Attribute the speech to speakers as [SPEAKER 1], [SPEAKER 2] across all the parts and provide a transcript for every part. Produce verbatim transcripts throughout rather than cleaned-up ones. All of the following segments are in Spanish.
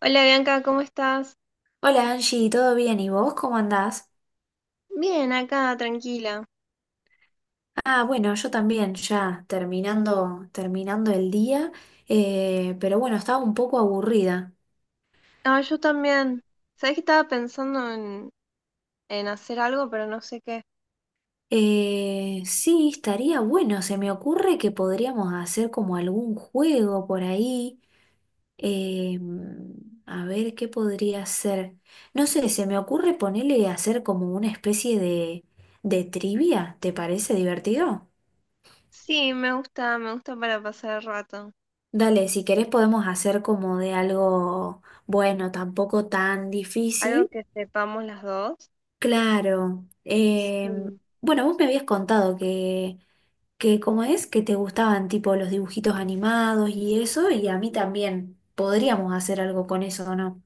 [SPEAKER 1] Hola Bianca, ¿cómo estás?
[SPEAKER 2] Hola Angie, ¿todo bien? ¿Y vos cómo andás?
[SPEAKER 1] Bien, acá, tranquila.
[SPEAKER 2] Ah, bueno, yo también, ya terminando, terminando el día, eh, pero bueno, estaba un poco aburrida.
[SPEAKER 1] Ah, yo también. Sabés que estaba pensando en, en hacer algo, pero no sé qué.
[SPEAKER 2] Eh, sí, estaría bueno, se me ocurre que podríamos hacer como algún juego por ahí. eh, a ver, ¿qué podría ser? No sé, se me ocurre ponerle a hacer como una especie de, de trivia, ¿te parece divertido?
[SPEAKER 1] Sí, me gusta, me gusta para pasar el rato.
[SPEAKER 2] Dale, si querés podemos hacer como de algo bueno, tampoco tan
[SPEAKER 1] Algo
[SPEAKER 2] difícil.
[SPEAKER 1] que sepamos las dos.
[SPEAKER 2] Claro. Em,
[SPEAKER 1] Sí.
[SPEAKER 2] bueno, vos me habías contado que, que como es, que te gustaban tipo los dibujitos animados y eso, y a mí también podríamos hacer algo con eso, ¿o no?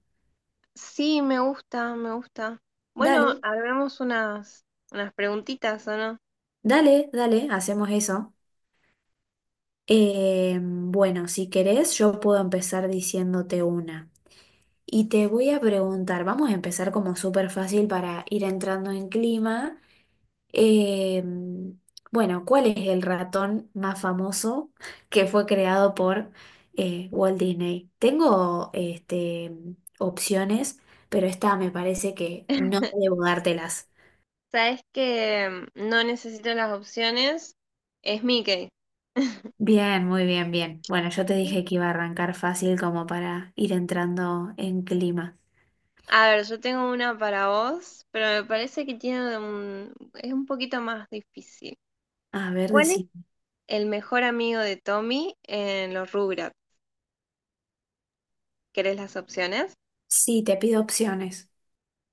[SPEAKER 1] Sí, me gusta, me gusta. Bueno,
[SPEAKER 2] Dale,
[SPEAKER 1] hagamos unas, unas preguntitas, ¿o no?
[SPEAKER 2] dale, dale, hacemos eso. Em, bueno, si querés, yo puedo empezar diciéndote una. Y te voy a preguntar, vamos a empezar como súper fácil para ir entrando en clima. Em, bueno, ¿cuál es el ratón más famoso que fue creado por eh, Walt Disney? Tengo este, opciones, pero esta me parece que no debo dártelas.
[SPEAKER 1] Sabés que mm, no necesito las opciones. Es Mickey.
[SPEAKER 2] Bien, muy bien, bien. Bueno, yo te dije que iba a arrancar fácil como para ir entrando en clima.
[SPEAKER 1] A ver, yo tengo una para vos, pero me parece que tiene un, es un poquito más difícil.
[SPEAKER 2] A ver,
[SPEAKER 1] ¿Cuál es
[SPEAKER 2] decime.
[SPEAKER 1] el mejor amigo de Tommy en los Rugrats? ¿Querés las opciones?
[SPEAKER 2] Sí, te pido opciones.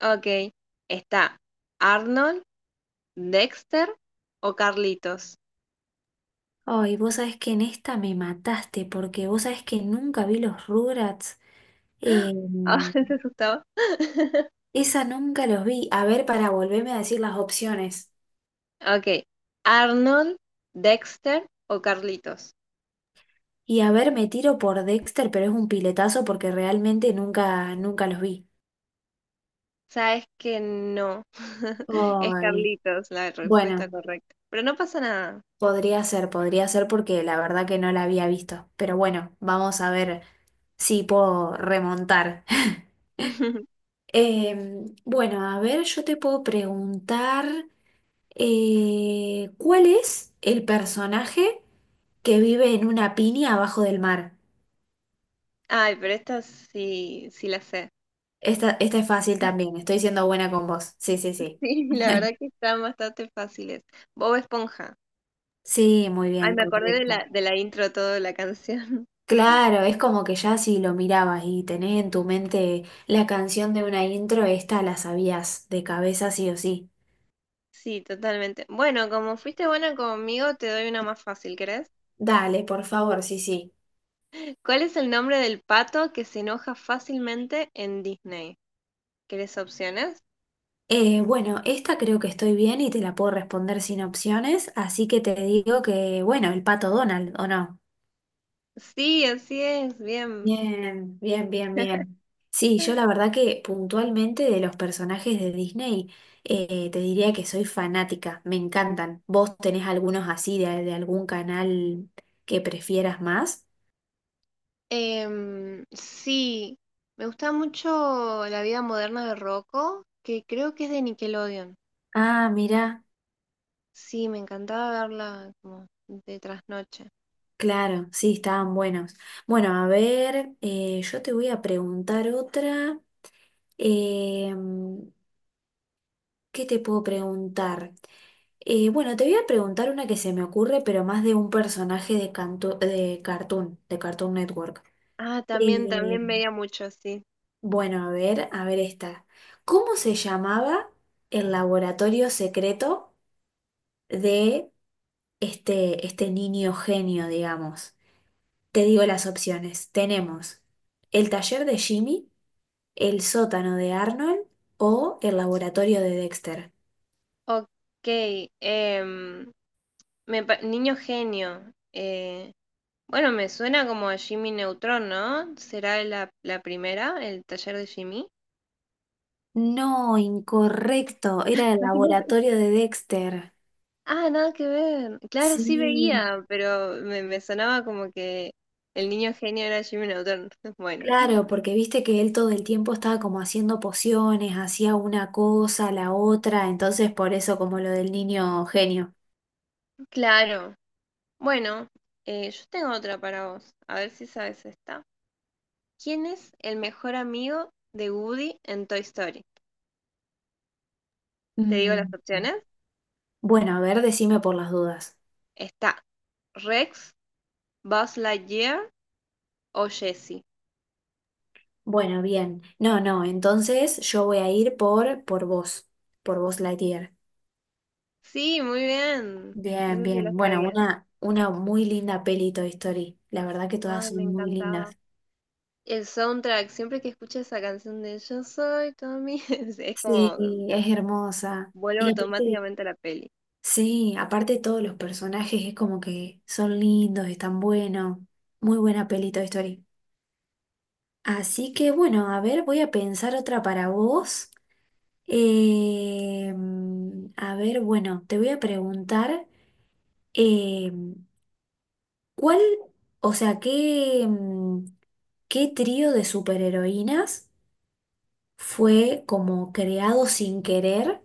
[SPEAKER 1] Ok, está Arnold, Dexter o Carlitos.
[SPEAKER 2] Ay, vos sabés que en esta me mataste porque vos sabés que nunca vi los Rugrats.
[SPEAKER 1] Ah,
[SPEAKER 2] Em,
[SPEAKER 1] se asustaba.
[SPEAKER 2] Esa nunca los vi. A ver, para volverme a decir las opciones.
[SPEAKER 1] Ok, Arnold, Dexter o Carlitos.
[SPEAKER 2] Y a ver, me tiro por Dexter, pero es un piletazo porque realmente nunca, nunca los vi.
[SPEAKER 1] Sabes que no, es
[SPEAKER 2] Ay,
[SPEAKER 1] Carlitos la respuesta
[SPEAKER 2] bueno,
[SPEAKER 1] correcta, pero no pasa nada.
[SPEAKER 2] podría ser, podría ser porque la verdad que no la había visto. Pero bueno, vamos a ver si puedo remontar. Em, bueno, a ver, yo te puedo preguntar, eh, ¿cuál es el personaje que vive en una piña abajo del mar?
[SPEAKER 1] Ay, pero estas sí, sí las sé.
[SPEAKER 2] Esta, esta es fácil también, estoy siendo buena con vos. Sí, sí, sí.
[SPEAKER 1] Sí, la verdad que están bastante fáciles. Bob Esponja.
[SPEAKER 2] Sí, muy
[SPEAKER 1] Ay,
[SPEAKER 2] bien,
[SPEAKER 1] me acordé de la,
[SPEAKER 2] correcta.
[SPEAKER 1] de la intro todo de la canción.
[SPEAKER 2] Claro, es como que ya si lo mirabas y tenés en tu mente la canción de una intro, esta la sabías de cabeza sí o sí.
[SPEAKER 1] Sí, totalmente. Bueno, como fuiste buena conmigo, te doy una más fácil, ¿querés?
[SPEAKER 2] Dale, por favor, sí, sí.
[SPEAKER 1] ¿Cuál es el nombre del pato que se enoja fácilmente en Disney? ¿Querés opciones?
[SPEAKER 2] Eh, bueno, esta creo que estoy bien y te la puedo responder sin opciones, así que te digo que, bueno, el pato Donald, ¿o no?
[SPEAKER 1] Sí, así es, bien.
[SPEAKER 2] Bien, bien, bien, bien. Sí, yo la verdad que puntualmente de los personajes de Disney eh, te diría que soy fanática, me encantan. ¿Vos tenés algunos así de, de algún canal que prefieras más?
[SPEAKER 1] Em, sí, me gusta mucho La vida moderna de Rocco, que creo que es de Nickelodeon.
[SPEAKER 2] Ah, mira
[SPEAKER 1] Sí, me encantaba verla como de trasnoche.
[SPEAKER 2] claro, sí, estaban buenos. Bueno, a ver, eh, yo te voy a preguntar otra. Em, ¿Qué te puedo preguntar? Eh, bueno, te voy a preguntar una que se me ocurre, pero más de un personaje de, cantu- de Cartoon, de Cartoon Network.
[SPEAKER 1] Ah, también,
[SPEAKER 2] Eh,
[SPEAKER 1] también veía mucho, sí.
[SPEAKER 2] bueno, a ver, a ver esta. ¿Cómo se llamaba el laboratorio secreto de este, este niño genio, digamos? Te digo las opciones. Tenemos el taller de Jimmy, el sótano de Arnold o el laboratorio de Dexter.
[SPEAKER 1] Ok, em, me pa- Niño Genio. Eh, bueno, me suena como a Jimmy Neutron, ¿no? ¿Será la, la primera, el taller de Jimmy?
[SPEAKER 2] No, incorrecto, era el
[SPEAKER 1] Imagínate.
[SPEAKER 2] laboratorio de Dexter.
[SPEAKER 1] Ah, nada que ver. Claro, sí
[SPEAKER 2] Sí.
[SPEAKER 1] veía, pero me, me sonaba como que el niño genio era Jimmy Neutron. Bueno,
[SPEAKER 2] Claro, porque viste que él todo el tiempo estaba como haciendo pociones, hacía una cosa, la otra, entonces por eso como lo del niño genio.
[SPEAKER 1] claro. Bueno, eh, yo tengo otra para vos. A ver si sabes esta. ¿Quién es el mejor amigo de Woody en Toy Story? Te digo
[SPEAKER 2] Mm.
[SPEAKER 1] las opciones.
[SPEAKER 2] Bueno, a ver, decime por las dudas.
[SPEAKER 1] Está Rex, Buzz Lightyear o Jessie.
[SPEAKER 2] Bueno, bien. No, no, entonces yo voy a ir por, por vos, por vos Lightyear.
[SPEAKER 1] Sí, muy bien.
[SPEAKER 2] Bien,
[SPEAKER 1] Eso sí lo
[SPEAKER 2] bien. Bueno,
[SPEAKER 1] sabía.
[SPEAKER 2] una, una muy linda peli Toy Story. La verdad que todas
[SPEAKER 1] Ay, me
[SPEAKER 2] son muy
[SPEAKER 1] encantaba.
[SPEAKER 2] lindas.
[SPEAKER 1] El soundtrack, siempre que escucho esa canción de Yo soy Tommy, es es
[SPEAKER 2] Sí,
[SPEAKER 1] como
[SPEAKER 2] es hermosa.
[SPEAKER 1] vuelvo
[SPEAKER 2] Y aparte
[SPEAKER 1] automáticamente a la peli.
[SPEAKER 2] sí, aparte todos los personajes es como que son lindos, están buenos. Muy buena peli Toy Story. Así que bueno, a ver, voy a pensar otra para vos. Eh, mm, a ver, bueno, te voy a preguntar, eh, ¿cuál, o sea, qué, mm, qué trío de superheroínas fue como creado sin querer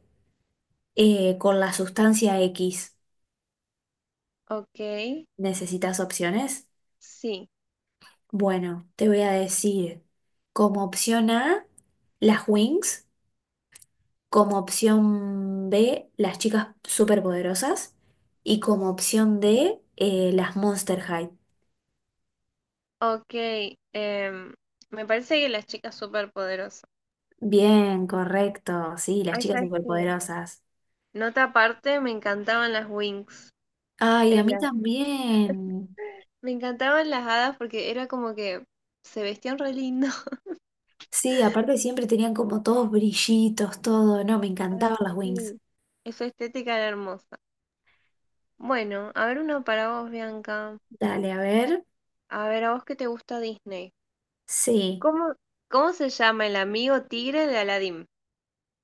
[SPEAKER 2] eh, con la sustancia X?
[SPEAKER 1] Ok,
[SPEAKER 2] ¿Necesitas opciones?
[SPEAKER 1] sí.
[SPEAKER 2] Bueno, te voy a decir como opción A, las Wings, como opción B, las chicas superpoderosas y como opción D, eh, las Monster High.
[SPEAKER 1] Ok, em, me parece que las chicas superpoderosas.
[SPEAKER 2] Bien, correcto, sí, las
[SPEAKER 1] Ahí
[SPEAKER 2] chicas
[SPEAKER 1] sabes que.
[SPEAKER 2] superpoderosas.
[SPEAKER 1] Nota aparte, me encantaban las Wings.
[SPEAKER 2] Ay, a
[SPEAKER 1] En
[SPEAKER 2] mí
[SPEAKER 1] la-
[SPEAKER 2] también.
[SPEAKER 1] Me encantaban las hadas porque era como que se vestían re lindo.
[SPEAKER 2] Sí, aparte siempre tenían como todos brillitos, todo, no, me encantaban
[SPEAKER 1] Ay,
[SPEAKER 2] las Wings.
[SPEAKER 1] sí. Esa estética era hermosa. Bueno, a ver uno para vos, Bianca.
[SPEAKER 2] Dale, a ver.
[SPEAKER 1] A ver, a vos qué te gusta Disney.
[SPEAKER 2] Sí.
[SPEAKER 1] ¿Cómo, ¿Cómo se llama el amigo tigre de Aladdin?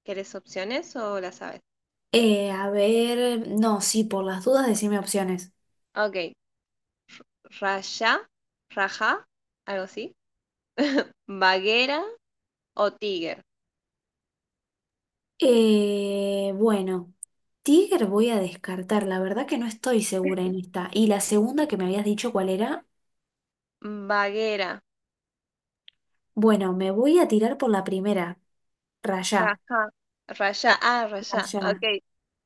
[SPEAKER 1] ¿Querés opciones o la sabes?
[SPEAKER 2] Eh, a ver, no, sí, por las dudas, decime opciones.
[SPEAKER 1] Ok, Raya, Raja, algo así. Baguera o Tiger.
[SPEAKER 2] Eh, bueno, Tiger voy a descartar, la verdad que no estoy segura en esta. Y la segunda que me habías dicho cuál era,
[SPEAKER 1] Baguera,
[SPEAKER 2] bueno, me voy a tirar por la primera, Rayá,
[SPEAKER 1] Raja, Raya, ah, Raya.
[SPEAKER 2] Rayá.
[SPEAKER 1] Ok,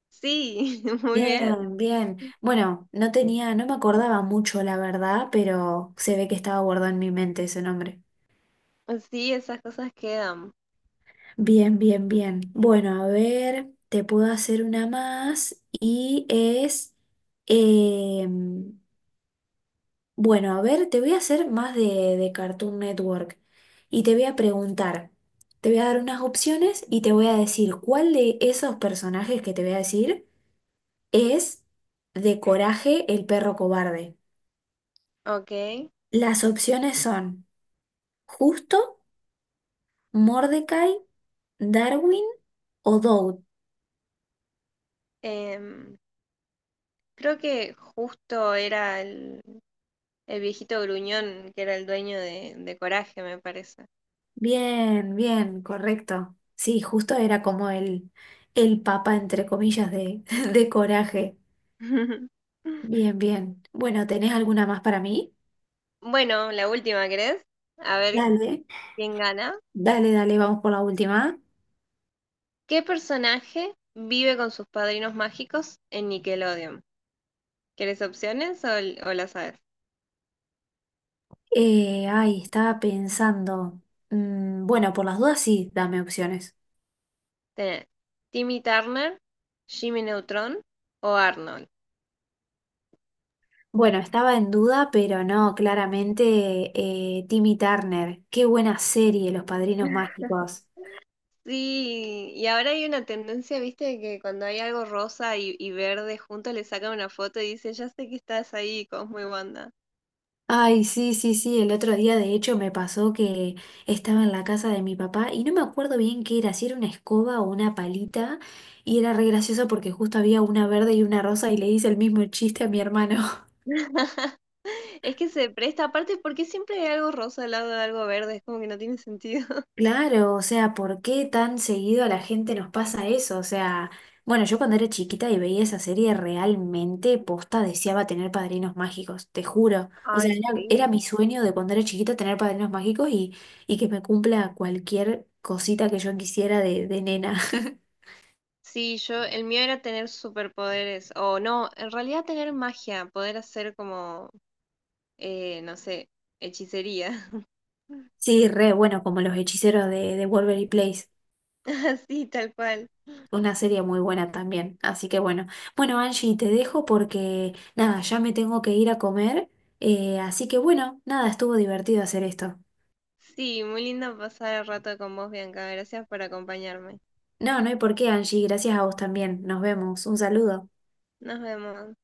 [SPEAKER 1] sí, muy bien.
[SPEAKER 2] Bien, bien. Bueno, no tenía, no me acordaba mucho la verdad, pero se ve que estaba guardado en mi mente ese nombre.
[SPEAKER 1] Sí, esas cosas quedan,
[SPEAKER 2] Bien, bien, bien. Bueno, a ver, te puedo hacer una más y es, em, bueno, a ver, te voy a hacer más de, de Cartoon Network y te voy a preguntar, te voy a dar unas opciones y te voy a decir cuál de esos personajes que te voy a decir es de Coraje el perro cobarde.
[SPEAKER 1] ok.
[SPEAKER 2] Las opciones son Justo, Mordecai, Darwin o Doud.
[SPEAKER 1] Em, Creo que justo era el, el viejito gruñón que era el dueño de, de Coraje, me parece.
[SPEAKER 2] Bien, bien, correcto. Sí, Justo era como el, el papa, entre comillas, de, de Coraje. Bien, bien. Bueno, ¿tenés alguna más para mí?
[SPEAKER 1] Bueno, la última, ¿querés? A ver
[SPEAKER 2] Dale,
[SPEAKER 1] quién gana.
[SPEAKER 2] dale, dale, vamos por la última.
[SPEAKER 1] ¿Qué personaje vive con sus padrinos mágicos en Nickelodeon? ¿Quieres opciones o, l- o las sabes?
[SPEAKER 2] Eh, ay, estaba pensando. Mm, bueno, por las dudas sí, dame opciones.
[SPEAKER 1] Tenés Timmy Turner, Jimmy Neutron o Arnold.
[SPEAKER 2] Bueno, estaba en duda, pero no, claramente eh, Timmy Turner. Qué buena serie, Los Padrinos Mágicos.
[SPEAKER 1] Sí, y ahora hay una tendencia, viste, de que cuando hay algo rosa y, y verde juntos le sacan una foto y dicen, ya sé que estás ahí, Cosmo y Wanda.
[SPEAKER 2] Ay, sí, sí, sí, el otro día de hecho me pasó que estaba en la casa de mi papá y no me acuerdo bien qué era, si era una escoba o una palita, y era re gracioso porque justo había una verde y una rosa y le hice el mismo chiste a mi hermano.
[SPEAKER 1] Es que se presta, aparte, porque siempre hay algo rosa al lado de algo verde. Es como que no tiene sentido.
[SPEAKER 2] Claro, o sea, ¿por qué tan seguido a la gente nos pasa eso? O sea, bueno, yo cuando era chiquita y veía esa serie realmente posta deseaba tener padrinos mágicos, te juro. O
[SPEAKER 1] Ay,
[SPEAKER 2] sea, era, era
[SPEAKER 1] sí.
[SPEAKER 2] mi sueño de cuando era chiquita tener padrinos mágicos y, y que me cumpla cualquier cosita que yo quisiera de, de nena.
[SPEAKER 1] Sí, yo, el mío era tener superpoderes, o no, en realidad tener magia, poder hacer como, eh, no sé, hechicería.
[SPEAKER 2] Sí, re bueno, como los hechiceros de, de Waverly Place.
[SPEAKER 1] Así, tal cual.
[SPEAKER 2] Una serie muy buena también, así que bueno. Bueno, Angie, te dejo porque nada, ya me tengo que ir a comer, eh, así que bueno, nada, estuvo divertido hacer esto.
[SPEAKER 1] Sí, muy lindo pasar el rato con vos, Bianca. Gracias por acompañarme.
[SPEAKER 2] No, no hay por qué, Angie, gracias a vos también. Nos vemos, un saludo.
[SPEAKER 1] Nos vemos.